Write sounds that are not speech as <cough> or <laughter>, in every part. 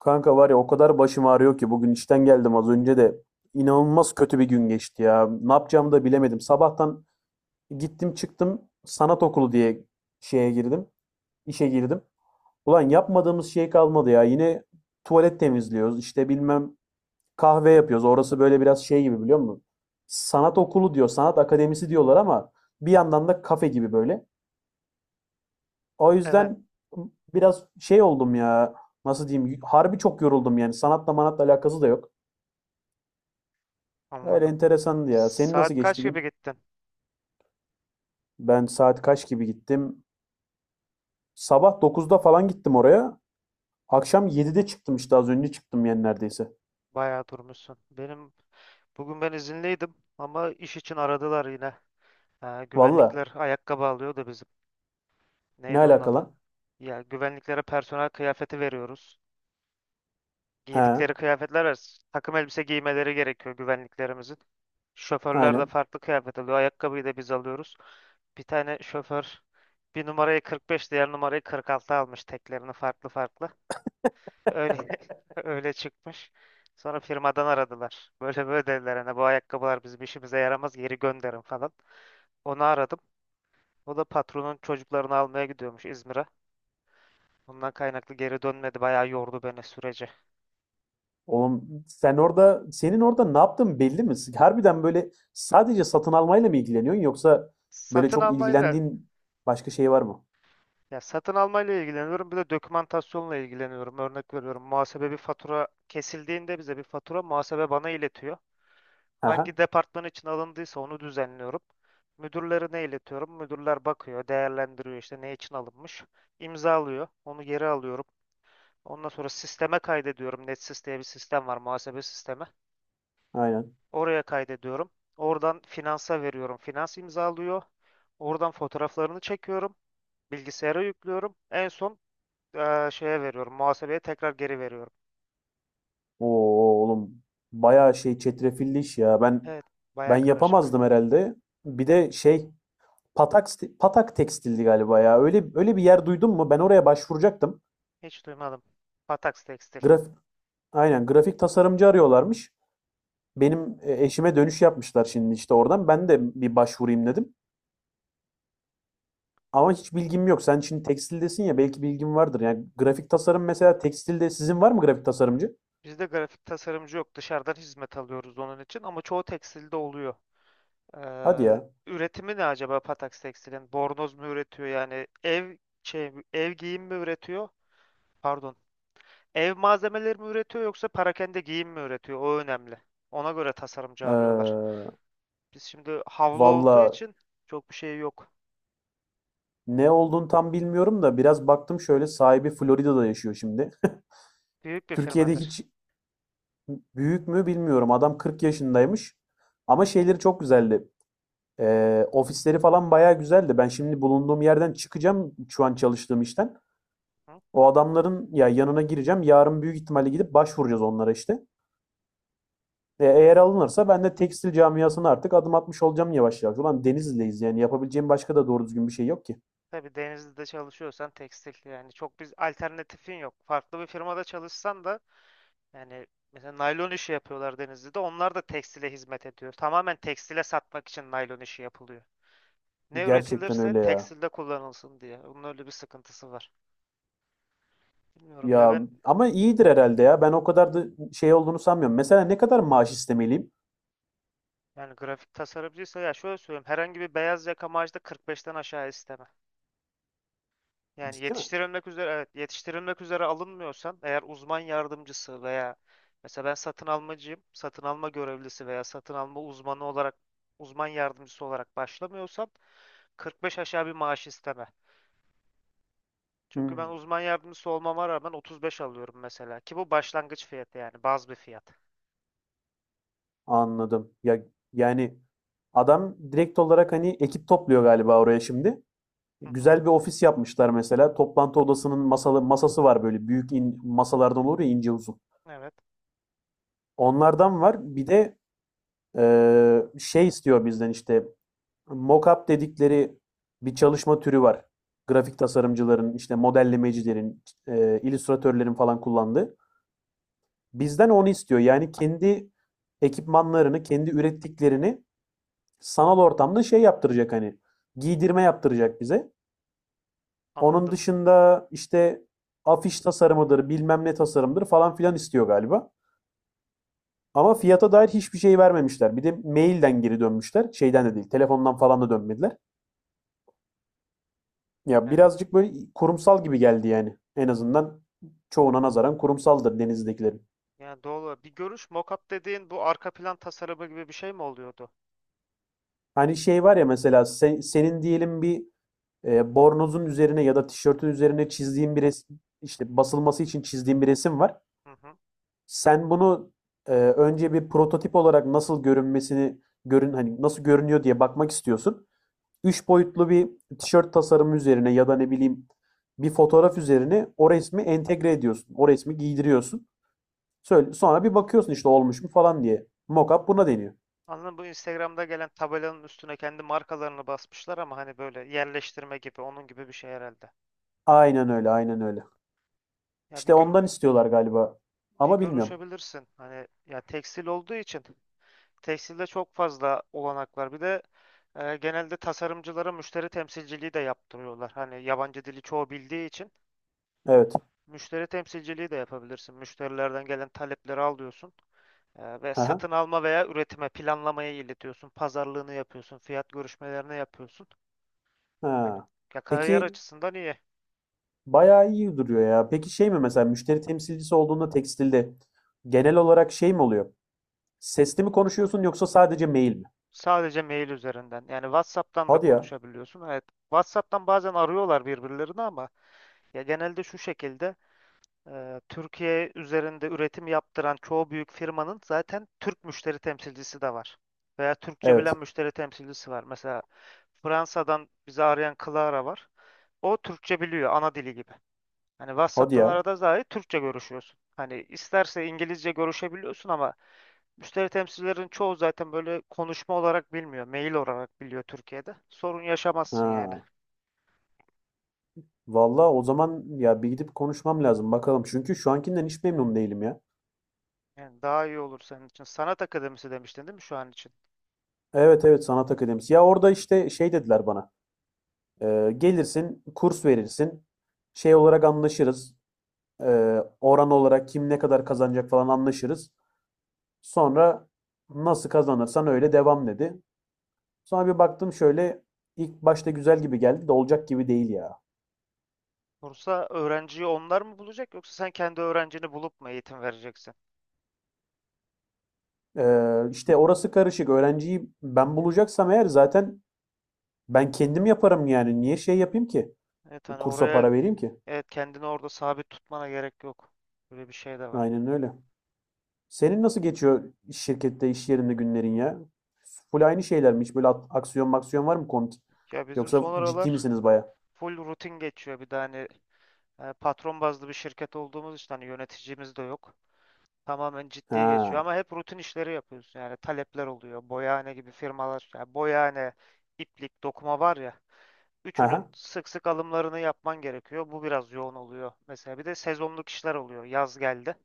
Kanka var ya o kadar başım ağrıyor ki bugün işten geldim az önce de inanılmaz kötü bir gün geçti ya. Ne yapacağımı da bilemedim. Sabahtan gittim çıktım sanat okulu diye şeye girdim, işe girdim. Ulan yapmadığımız şey kalmadı ya. Yine tuvalet temizliyoruz, işte bilmem kahve yapıyoruz. Orası böyle biraz şey gibi biliyor musun? Sanat okulu diyor, sanat akademisi diyorlar ama bir yandan da kafe gibi böyle. O Evet, yüzden biraz şey oldum ya. Nasıl diyeyim? Harbi çok yoruldum yani. Sanatla manatla alakası da yok. Öyle anladım. enteresandı ya. Senin nasıl Saat kaç geçti gibi gün? gittin? Ben saat kaç gibi gittim? Sabah 9'da falan gittim oraya. Akşam 7'de çıktım işte az önce çıktım yani neredeyse. Bayağı durmuşsun. Benim bugün ben izinliydim ama iş için aradılar yine. Ha, Valla güvenlikler ayakkabı alıyor da bizim. ne Neydi onun alaka adı? lan? Ya güvenliklere personel kıyafeti veriyoruz. He, Giydikleri kıyafetler var. Takım elbise giymeleri gerekiyor güvenliklerimizin. Şoförler de aynen. farklı kıyafet alıyor. Ayakkabıyı da biz alıyoruz. Bir tane şoför bir numarayı 45, diğer numarayı 46 almış teklerini farklı farklı. Öyle <laughs> öyle çıkmış. Sonra firmadan aradılar. Böyle böyle dediler hani bu ayakkabılar bizim işimize yaramaz geri gönderin falan. Onu aradım. O da patronun çocuklarını almaya gidiyormuş İzmir'e. Bundan kaynaklı geri dönmedi. Bayağı yordu beni süreci. Oğlum sen orada senin orada ne yaptığın belli mi? Harbiden böyle sadece satın almayla mı ilgileniyorsun yoksa böyle Satın çok almayla ilgilendiğin başka şey var mı? Satın almayla ilgileniyorum. Bir de dokümantasyonla ilgileniyorum. Örnek veriyorum. Muhasebe bir fatura kesildiğinde bize bir fatura muhasebe bana iletiyor. Aha, Hangi departman için alındıysa onu düzenliyorum. Müdürlerine iletiyorum. Müdürler bakıyor, değerlendiriyor işte ne için alınmış. İmzalıyor. Onu geri alıyorum. Ondan sonra sisteme kaydediyorum. NetSys diye bir sistem var, muhasebe sistemi. aynen. Oraya kaydediyorum. Oradan finansa veriyorum. Finans imzalıyor. Oradan fotoğraflarını çekiyorum. Bilgisayara yüklüyorum. En son şeye veriyorum. Muhasebeye tekrar geri veriyorum. Oo, oğlum bayağı şey çetrefilli iş ya. Ben Evet, ben baya karışık. yapamazdım herhalde. Bir de şey Patak Patak Tekstil'di galiba ya. Öyle öyle bir yer duydum mu? Ben oraya başvuracaktım. Hiç duymadım. Patax Tekstil. Grafik aynen grafik tasarımcı arıyorlarmış. Benim eşime dönüş yapmışlar şimdi işte oradan. Ben de bir başvurayım dedim. Ama hiç bilgim yok. Sen şimdi tekstildesin ya belki bilgim vardır. Yani grafik tasarım mesela tekstilde sizin var mı grafik tasarımcı? Bizde grafik tasarımcı yok. Dışarıdan hizmet alıyoruz onun için ama çoğu tekstilde oluyor. Hadi Ee, ya. Üretimi ne acaba Patax Tekstil'in? Bornoz mu üretiyor yani ev giyim mi üretiyor? Pardon. Ev malzemeleri mi üretiyor yoksa perakende giyim mi üretiyor? O önemli. Ona göre tasarımcı arıyorlar. Ee, Biz şimdi havlu olduğu Valla için çok bir şey yok. ne olduğunu tam bilmiyorum da biraz baktım şöyle sahibi Florida'da yaşıyor şimdi. Büyük <laughs> bir Türkiye'de firmadır. hiç Büyük mü bilmiyorum. Adam 40 yaşındaymış. Ama şeyleri çok güzeldi. Ofisleri falan bayağı güzeldi. Ben şimdi bulunduğum yerden çıkacağım şu an çalıştığım işten. Hı? O adamların ya yanına gireceğim. Yarın büyük ihtimalle gidip başvuracağız onlara işte. Yani, Eğer alınırsa ben de tekstil camiasına artık adım atmış olacağım yavaş yavaş. Ulan Denizli'deyiz yani yapabileceğim başka da doğru düzgün bir şey yok ki. tabii Denizli'de çalışıyorsan tekstil yani çok bir alternatifin yok. Farklı bir firmada çalışsan da. Yani mesela naylon işi yapıyorlar Denizli'de. Onlar da tekstile hizmet ediyor. Tamamen tekstile satmak için naylon işi yapılıyor. Ne Gerçekten üretilirse öyle ya. tekstilde kullanılsın diye. Bunun öyle bir sıkıntısı var. Bilmiyorum ya Ya ben. ama iyidir herhalde ya. Ben o kadar da şey olduğunu sanmıyorum. Mesela ne kadar maaş istemeliyim? Yani grafik tasarımcıysa ya şöyle söyleyeyim. Herhangi bir beyaz yaka maaşı da 45'ten aşağı isteme. Yani Ciddi mi? yetiştirilmek üzere, evet yetiştirilmek üzere alınmıyorsan eğer uzman yardımcısı veya mesela ben satın almacıyım, satın alma görevlisi veya satın alma uzmanı olarak uzman yardımcısı olarak başlamıyorsam 45 aşağı bir maaş isteme. Çünkü ben Hmm. uzman yardımcısı olmama rağmen 35 alıyorum mesela ki bu başlangıç fiyatı yani baz bir fiyat. Anladım. Ya, yani adam direkt olarak hani ekip topluyor galiba oraya şimdi. Hı hı, Güzel bir ofis yapmışlar mesela. Toplantı odasının masalı, masası var böyle büyük masalardan olur ya ince uzun. evet, Onlardan var. Bir de şey istiyor bizden işte mockup dedikleri bir çalışma türü var. Grafik tasarımcıların, işte modellemecilerin, illüstratörlerin falan kullandığı. Bizden onu istiyor. Yani kendi ekipmanlarını, kendi ürettiklerini sanal ortamda şey yaptıracak hani giydirme yaptıracak bize. Onun anladım. dışında işte afiş tasarımıdır, bilmem ne tasarımdır falan filan istiyor galiba. Ama fiyata dair hiçbir şey vermemişler. Bir de mailden geri dönmüşler. Şeyden de değil, telefondan falan da dönmediler. Ya Yani, birazcık böyle kurumsal gibi geldi yani. En azından çoğuna nazaran kurumsaldır denizdekilerin. yani, doğru. Bir görüş, mockup dediğin bu arka plan tasarımı gibi bir şey mi oluyordu? Hani şey var ya mesela senin diyelim bir bornozun üzerine ya da tişörtün üzerine çizdiğin bir resim, işte basılması için çizdiğin bir resim var. Hı hı. Sen bunu önce bir prototip olarak nasıl görünmesini görün hani nasıl görünüyor diye bakmak istiyorsun. Üç boyutlu bir tişört tasarımı üzerine ya da ne bileyim bir fotoğraf üzerine o resmi entegre ediyorsun. O resmi giydiriyorsun. Söyle, sonra bir bakıyorsun işte olmuş mu falan diye. Mockup buna deniyor. Anladın. Bu Instagram'da gelen tabelanın üstüne kendi markalarını basmışlar ama hani böyle yerleştirme gibi onun gibi bir şey herhalde. Aynen öyle, aynen öyle. Ya İşte ondan istiyorlar galiba. bir Ama bilmiyorum. görüşebilirsin. Hani ya tekstil olduğu için tekstilde çok fazla olanak var. Bir de genelde tasarımcılara müşteri temsilciliği de yaptırıyorlar. Hani yabancı dili çoğu bildiği için Evet. müşteri temsilciliği de yapabilirsin. Müşterilerden gelen talepleri alıyorsun. Ve Aha. satın alma veya üretime planlamaya iletiyorsun. Pazarlığını yapıyorsun. Fiyat görüşmelerini yapıyorsun. Hani Ha. ya kariyer Peki, açısından iyi. bayağı iyi duruyor ya. Peki şey mi mesela müşteri temsilcisi olduğunda tekstilde genel olarak şey mi oluyor? Sesli mi konuşuyorsun yoksa sadece mail mi? Sadece mail üzerinden. Yani WhatsApp'tan da Hadi ya. konuşabiliyorsun. Evet. WhatsApp'tan bazen arıyorlar birbirlerini ama ya genelde şu şekilde Türkiye üzerinde üretim yaptıran çoğu büyük firmanın zaten Türk müşteri temsilcisi de var. Veya Türkçe Evet. bilen müşteri temsilcisi var. Mesela Fransa'dan bizi arayan Clara var. O Türkçe biliyor ana dili gibi. Hani Hadi WhatsApp'tan ya. arada dahi Türkçe görüşüyorsun. Hani isterse İngilizce görüşebiliyorsun ama müşteri temsilcilerin çoğu zaten böyle konuşma olarak bilmiyor. Mail olarak biliyor Türkiye'de. Sorun yaşamazsın yani. Ha. Vallahi o zaman ya bir gidip konuşmam lazım bakalım. Çünkü şu ankinden hiç memnun değilim ya. Yani daha iyi olur senin için. Sanat akademisi demiştin değil mi şu an için? Evet, evet, sanat akademisi. Ya orada işte şey dediler bana. Gelirsin kurs verirsin. Şey olarak anlaşırız. Oran olarak kim ne kadar kazanacak falan anlaşırız. Sonra nasıl kazanırsan öyle devam dedi. Sonra bir baktım şöyle ilk başta güzel gibi geldi de olacak gibi değil ya. Bursa öğrenciyi onlar mı bulacak yoksa sen kendi öğrencini bulup mu eğitim vereceksin? İşte orası karışık. Öğrenciyi ben bulacaksam eğer zaten ben kendim yaparım yani. Niye şey yapayım ki? Evet, hani Kursa oraya, para vereyim ki. evet, kendini orada sabit tutmana gerek yok. Böyle bir şey de var. Aynen öyle. Senin nasıl geçiyor iş şirkette, iş yerinde günlerin ya? Full aynı şeyler mi? Hiç böyle aksiyon maksiyon var mı komik? Ya bizim Yoksa son ciddi aralar misiniz baya? full rutin geçiyor. Bir de hani patron bazlı bir şirket olduğumuz için hani yöneticimiz de yok. Tamamen ciddiye geçiyor Ha. ama hep rutin işleri yapıyorsun yani talepler oluyor. Boyahane gibi firmalar yani boyahane, iplik, dokuma var ya Ha ha. üçünün sık sık alımlarını yapman gerekiyor. Bu biraz yoğun oluyor. Mesela bir de sezonluk işler oluyor. Yaz geldi.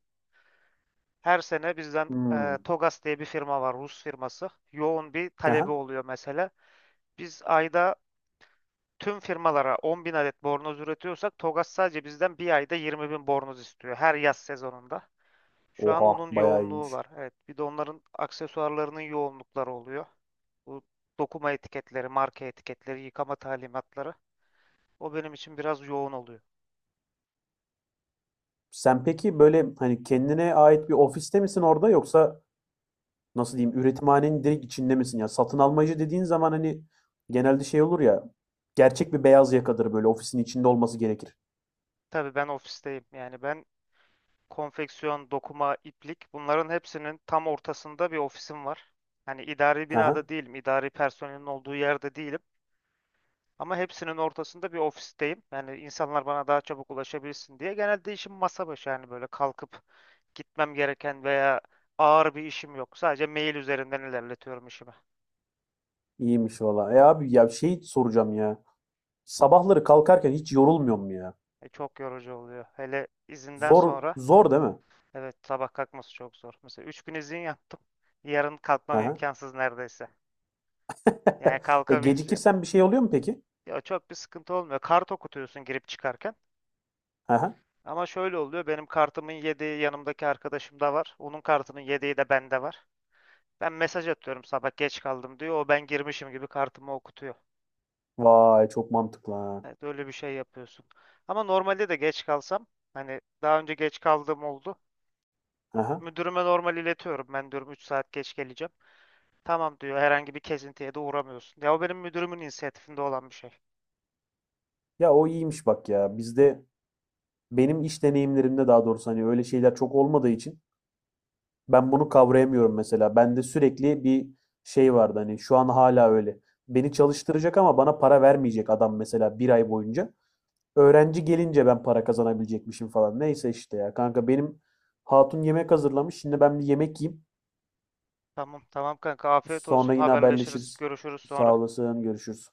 Her sene bizden Hmm. Togas diye bir firma var, Rus firması. Yoğun bir Ha ha. talebi oluyor mesela. Biz ayda tüm firmalara 10 bin adet bornoz üretiyorsak Togas sadece bizden bir ayda 20 bin bornoz istiyor her yaz sezonunda. Şu an Oha, onun bayağı yoğunluğu iyiymiş. var. Evet. Bir de onların aksesuarlarının yoğunlukları oluyor. Bu dokuma etiketleri, marka etiketleri, yıkama talimatları. O benim için biraz yoğun oluyor. Sen peki böyle hani kendine ait bir ofiste misin orada yoksa nasıl diyeyim üretimhanenin direkt içinde misin ya? Satın almacı dediğin zaman hani genelde şey olur ya gerçek bir beyaz yakadır böyle ofisin içinde olması gerekir. Tabii ben ofisteyim. Yani ben konfeksiyon, dokuma, iplik bunların hepsinin tam ortasında bir ofisim var. Hani idari Hı hı. binada değilim, idari personelin olduğu yerde değilim. Ama hepsinin ortasında bir ofisteyim. Yani insanlar bana daha çabuk ulaşabilsin diye. Genelde işim masa başı yani böyle kalkıp gitmem gereken veya ağır bir işim yok. Sadece mail üzerinden ilerletiyorum işimi. İyiymiş valla. E abi ya şey soracağım ya. Sabahları kalkarken hiç yorulmuyor mu ya? Çok yorucu oluyor. Hele izinden Zor, sonra zor değil mi? evet sabah kalkması çok zor. Mesela 3 gün izin yaptım. Yarın Hı kalkmam hı. imkansız neredeyse. Yani <laughs> E kalkabileceğim. gecikirsen bir şey oluyor mu peki? Ya çok bir sıkıntı olmuyor. Kart okutuyorsun girip çıkarken. Hı hı. Ama şöyle oluyor. Benim kartımın yedeği yanımdaki arkadaşım da var. Onun kartının yedeği de bende var. Ben mesaj atıyorum sabah geç kaldım diyor. O ben girmişim gibi kartımı okutuyor. Vay, çok mantıklı ha. Evet, öyle bir şey yapıyorsun. Ama normalde de geç kalsam hani daha önce geç kaldığım oldu. Hı hı. Müdürüme normal iletiyorum. Ben diyorum 3 saat geç geleceğim. Tamam diyor. Herhangi bir kesintiye de uğramıyorsun. Ya o benim müdürümün inisiyatifinde olan bir şey. Ya o iyiymiş bak ya. Bizde benim iş deneyimlerimde daha doğrusu hani öyle şeyler çok olmadığı için ben bunu kavrayamıyorum mesela. Bende sürekli bir şey vardı hani şu an hala öyle. Beni çalıştıracak ama bana para vermeyecek adam mesela bir ay boyunca. Öğrenci gelince ben para kazanabilecekmişim falan. Neyse işte ya kanka benim hatun yemek hazırlamış. Şimdi ben bir yemek yiyeyim. Tamam, tamam, kanka, afiyet olsun. Sonra yine Haberleşiriz. haberleşiriz. Görüşürüz sonra. Sağ olasın, görüşürüz.